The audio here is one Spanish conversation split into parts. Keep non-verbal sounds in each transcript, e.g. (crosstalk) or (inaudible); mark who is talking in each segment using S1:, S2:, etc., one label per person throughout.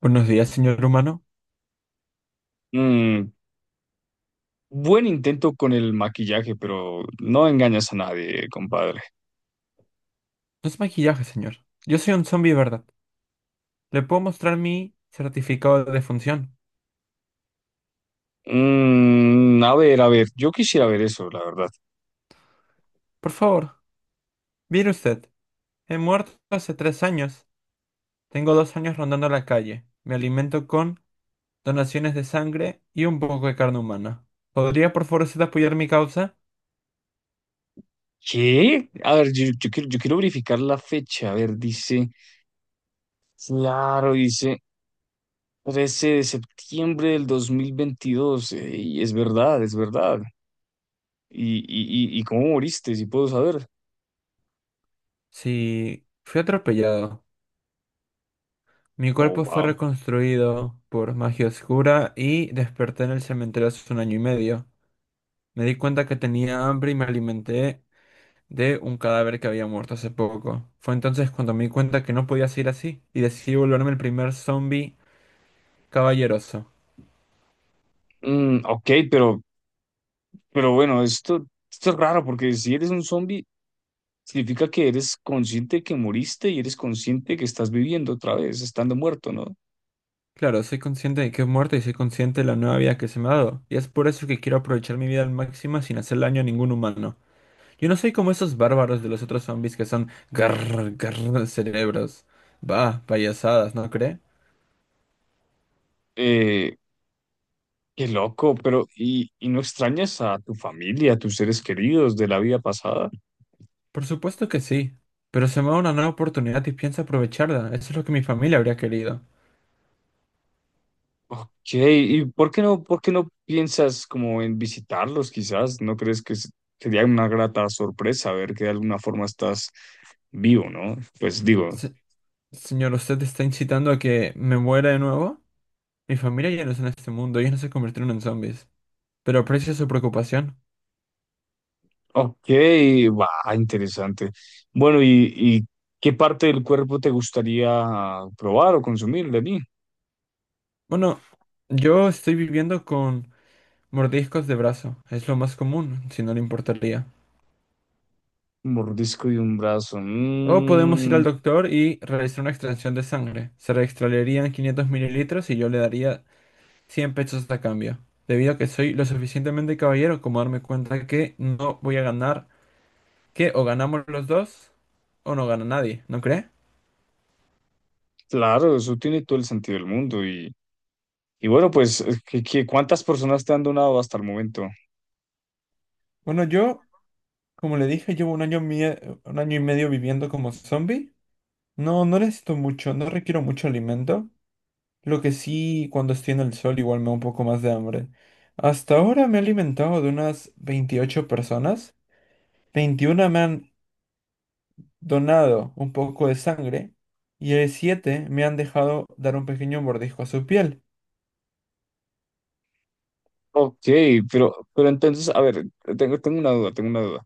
S1: Buenos días, señor humano.
S2: Mm, Buen intento con el maquillaje, pero no engañas a nadie, compadre.
S1: No es maquillaje, señor. Yo soy un zombie, ¿verdad? Le puedo mostrar mi certificado de defunción.
S2: A ver, a ver, yo quisiera ver eso, la verdad.
S1: Por favor, mire usted. He muerto hace 3 años. Tengo 2 años rondando la calle. Me alimento con donaciones de sangre y un poco de carne humana. ¿Podría, por favor, usted apoyar mi causa?
S2: ¿Qué? A ver, yo quiero verificar la fecha. A ver, dice, claro, dice 13 de septiembre del 2022. Y es verdad, es verdad. ¿Y cómo moriste? Si puedo saber.
S1: Sí, fui atropellado. Mi
S2: Oh,
S1: cuerpo fue
S2: wow.
S1: reconstruido por magia oscura y desperté en el cementerio hace un año y medio. Me di cuenta que tenía hambre y me alimenté de un cadáver que había muerto hace poco. Fue entonces cuando me di cuenta que no podía seguir así y decidí volverme el primer zombie caballeroso.
S2: Ok, pero bueno, esto es raro porque si eres un zombie, significa que eres consciente que moriste y eres consciente que estás viviendo otra vez, estando muerto, ¿no?
S1: Claro, soy consciente de que he muerto y soy consciente de la nueva vida que se me ha dado, y es por eso que quiero aprovechar mi vida al máximo sin hacer daño a ningún humano. Yo no soy como esos bárbaros de los otros zombies que son garr, garr cerebros. Bah, payasadas, ¿no cree?
S2: Eh, Qué loco, pero ¿y no extrañas a tu familia, a tus seres queridos de la vida pasada?
S1: Por supuesto que sí, pero se me da una nueva oportunidad y pienso aprovecharla. Eso es lo que mi familia habría querido.
S2: Ok, ¿y por qué no piensas como en visitarlos quizás? ¿No crees que sería una grata sorpresa ver que de alguna forma estás vivo? ¿No? Pues digo.
S1: Se- Señor, usted está incitando a que me muera de nuevo. Mi familia ya no está en este mundo, ellos no se convirtieron en zombies. Pero aprecio su preocupación.
S2: Ok, va, interesante. Bueno, ¿y qué parte del cuerpo te gustaría probar o consumir, Dani?
S1: Bueno, yo estoy viviendo con mordiscos de brazo. Es lo más común, si no le importaría.
S2: Un mordisco de un brazo.
S1: O podemos ir
S2: Mm,
S1: al doctor y realizar una extracción de sangre. Se extraerían 500 mililitros y yo le daría 100 pesos a cambio. Debido a que soy lo suficientemente caballero como darme cuenta que no voy a ganar, que o ganamos los dos o no gana nadie, ¿no cree?
S2: claro, eso tiene todo el sentido del mundo. Y bueno, pues, cuántas personas te han donado hasta el momento?
S1: Bueno, yo. Como le dije, llevo un año, un año y medio viviendo como zombie. No, no necesito mucho, no requiero mucho alimento. Lo que sí, cuando estoy en el sol, igual me da un poco más de hambre. Hasta ahora me he alimentado de unas 28 personas. 21 me han donado un poco de sangre. Y 7 me han dejado dar un pequeño mordisco a su piel.
S2: Ok, pero entonces, a ver, tengo una duda, tengo una duda.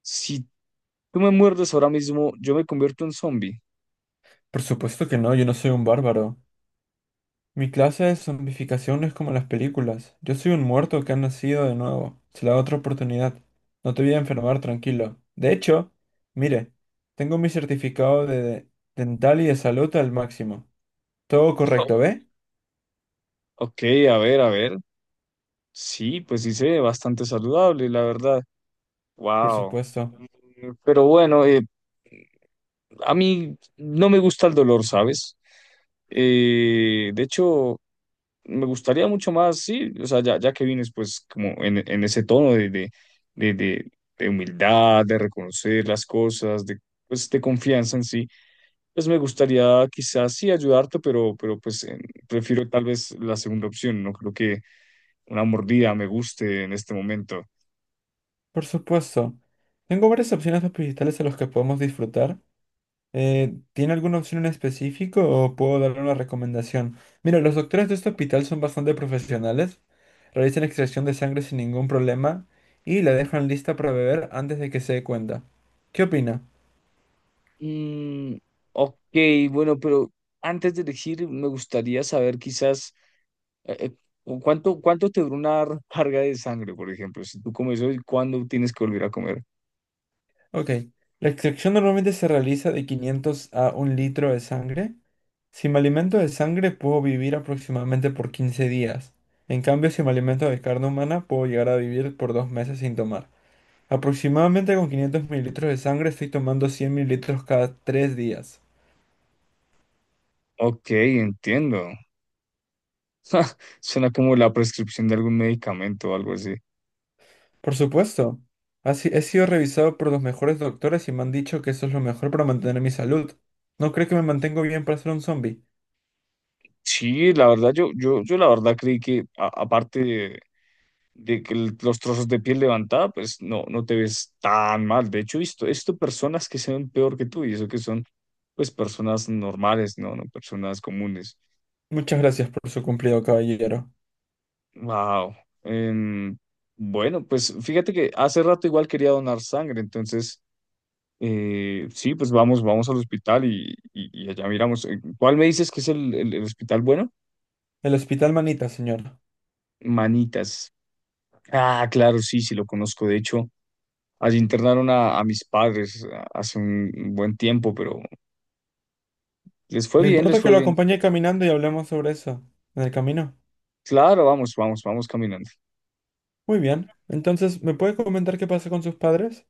S2: ¿Si tú me muerdes ahora mismo, yo me convierto en zombie?
S1: Por supuesto que no, yo no soy un bárbaro. Mi clase de zombificación no es como las películas. Yo soy un muerto que ha nacido de nuevo. Se la da otra oportunidad. No te voy a enfermar, tranquilo. De hecho, mire, tengo mi certificado de dental y de salud al máximo. Todo correcto,
S2: (laughs)
S1: ¿ve?
S2: Ok, a ver, a ver. Sí, pues sí, se ve bastante saludable, la verdad.
S1: Por
S2: Wow.
S1: supuesto.
S2: Pero bueno, a mí no me gusta el dolor, ¿sabes? De hecho, me gustaría mucho más, sí, o sea, ya que vienes pues como en ese tono de, de, de- de humildad, de reconocer las cosas, de, pues, de confianza en sí, pues me gustaría quizás sí ayudarte, pero pues prefiero tal vez la segunda opción, no creo que una mordida me guste en este momento.
S1: Por supuesto. Tengo varias opciones de hospitales a los que podemos disfrutar. ¿Tiene alguna opción en específico o puedo darle una recomendación? Mira, los doctores de este hospital son bastante profesionales, realizan extracción de sangre sin ningún problema y la dejan lista para beber antes de que se dé cuenta. ¿Qué opina?
S2: Mm, ok, bueno, pero antes de elegir, me gustaría saber quizás eh, eh, cuánto te dura una recarga de sangre, por ejemplo. Si tú comes hoy, ¿cuándo tienes que volver a comer?
S1: Ok, la extracción normalmente se realiza de 500 a un litro de sangre. Si me alimento de sangre puedo vivir aproximadamente por 15 días. En cambio, si me alimento de carne humana puedo llegar a vivir por 2 meses sin tomar. Aproximadamente con 500 mililitros de sangre estoy tomando 100 mililitros cada 3 días.
S2: Ok, entiendo. (laughs) Suena como la prescripción de algún medicamento o algo así.
S1: Por supuesto, ha si- he sido revisado por los mejores doctores y me han dicho que eso es lo mejor para mantener mi salud. No cree que me mantengo bien para ser un zombie.
S2: Sí, la verdad, yo la verdad creí que, aparte de que los trozos de piel levantada, pues no, no te ves tan mal. De hecho, he visto personas que se ven peor que tú y eso que son, pues, personas normales, ¿no? No personas comunes.
S1: Muchas gracias por su cumplido, caballero.
S2: Wow. Em, bueno, pues fíjate que hace rato igual quería donar sangre, entonces, sí, pues vamos, vamos al hospital y allá miramos. ¿Cuál me dices que es el hospital bueno?
S1: El hospital Manita, señora.
S2: Manitas. Ah, claro, sí, sí, lo conozco. De hecho, allí internaron a mis padres hace un buen tiempo, pero les fue
S1: ¿Le
S2: bien, les
S1: importa que
S2: fue
S1: lo
S2: bien.
S1: acompañe caminando y hablemos sobre eso? En el camino.
S2: Claro, vamos, vamos, vamos caminando.
S1: Muy bien. Entonces, ¿me puede comentar qué pasa con sus padres?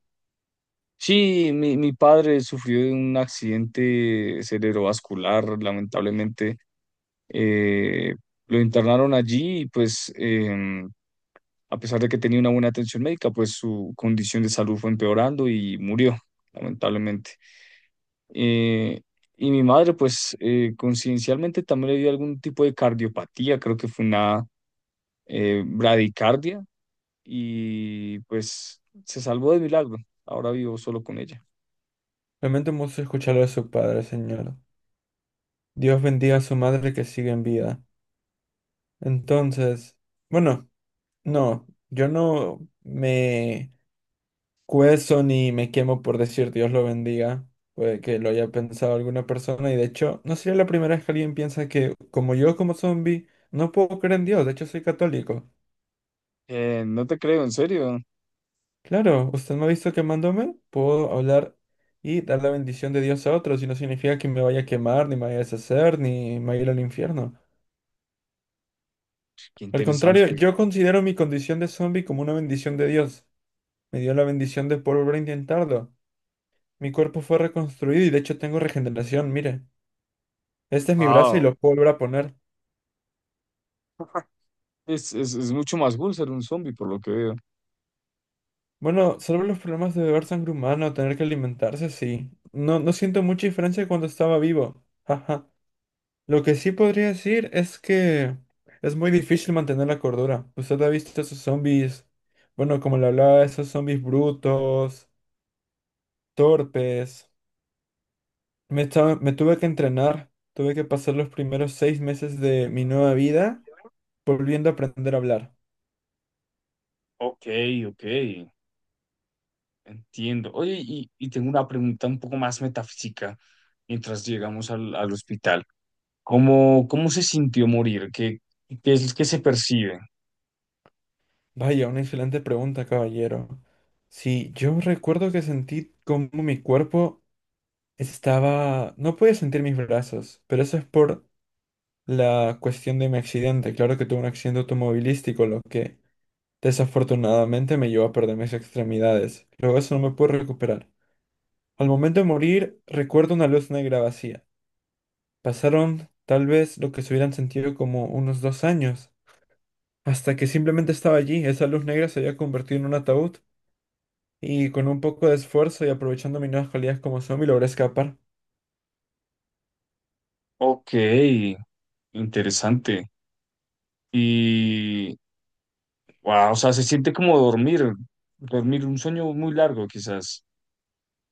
S2: Sí, mi padre sufrió de un accidente cerebrovascular, lamentablemente. Eh, lo internaron allí y pues a pesar de que tenía una buena atención médica, pues su condición de salud fue empeorando y murió, lamentablemente. Eh, y mi madre, pues conciencialmente también le dio algún tipo de cardiopatía, creo que fue una bradicardia y pues se salvó de milagro. Ahora vivo solo con ella.
S1: Lamento mucho escucharlo de su padre, señor. Dios bendiga a su madre que sigue en vida. Entonces, bueno, no, yo no me cuezo ni me quemo por decir Dios lo bendiga. Puede que lo haya pensado alguna persona y de hecho no sería la primera vez que alguien piensa que como yo como zombie no puedo creer en Dios, de hecho soy católico.
S2: No te creo, en serio.
S1: Claro, usted me ha visto quemándome, puedo hablar y dar la bendición de Dios a otros y no significa que me vaya a quemar, ni me vaya a deshacer, ni me vaya a ir al infierno.
S2: Qué
S1: Al contrario,
S2: interesante.
S1: yo considero mi condición de zombie como una bendición de Dios. Me dio la bendición de poder volver a intentarlo. Mi cuerpo fue reconstruido y de hecho tengo regeneración, mire. Este es mi brazo y
S2: Wow.
S1: lo puedo volver a poner.
S2: Es mucho más cool ser un zombie, por lo que veo.
S1: Bueno, salvo los problemas de beber sangre humana o tener que alimentarse, sí. No, no siento mucha diferencia de cuando estaba vivo. Ajá. Lo que sí podría decir es que es muy difícil mantener la cordura. Usted ha visto esos zombies, bueno, como le hablaba, esos zombies brutos, torpes. Me tuve que entrenar. Tuve que pasar los primeros 6 meses de mi nueva vida. Volviendo a aprender a hablar.
S2: Ok, ok, entiendo. Oye, y tengo una pregunta un poco más metafísica mientras llegamos al hospital. ¿Cómo se sintió morir? ¿Qué es lo que se percibe?
S1: Vaya, una excelente pregunta, caballero. Sí, yo recuerdo que sentí como mi cuerpo estaba... No podía sentir mis brazos, pero eso es por la cuestión de mi accidente. Claro que tuve un accidente automovilístico, lo que desafortunadamente me llevó a perder mis extremidades. Luego eso no me pude recuperar. Al momento de morir, recuerdo una luz negra vacía. Pasaron tal vez lo que se hubieran sentido como unos 2 años, hasta que simplemente estaba allí. Esa luz negra se había convertido en un ataúd y con un poco de esfuerzo y aprovechando mis nuevas cualidades como zombie logré escapar.
S2: Ok, interesante. Y Wow, o sea, se siente como dormir, dormir un sueño muy largo, quizás.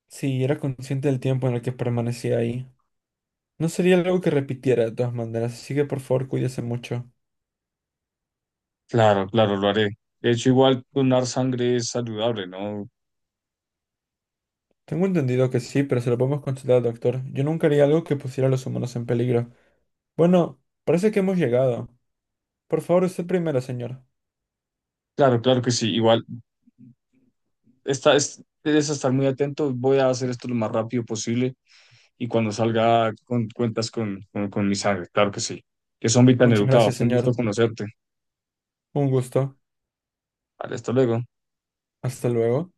S1: Sí, era consciente del tiempo en el que permanecía ahí. No sería algo que repitiera de todas maneras, así que por favor cuídese mucho.
S2: Claro, claro, lo haré. De hecho, igual donar sangre es saludable, ¿no?
S1: Tengo entendido que sí, pero se lo podemos consultar al doctor. Yo nunca haría algo que pusiera a los humanos en peligro. Bueno, parece que hemos llegado. Por favor, usted primero, señor.
S2: Claro, claro que sí. Igual, debes estar muy atento. Voy a hacer esto lo más rápido posible y cuando salga cuentas con mi sangre, claro que sí. Que son tan
S1: Muchas
S2: educados.
S1: gracias,
S2: Fue un gusto
S1: señor.
S2: conocerte.
S1: Un gusto.
S2: Vale, hasta luego.
S1: Hasta luego.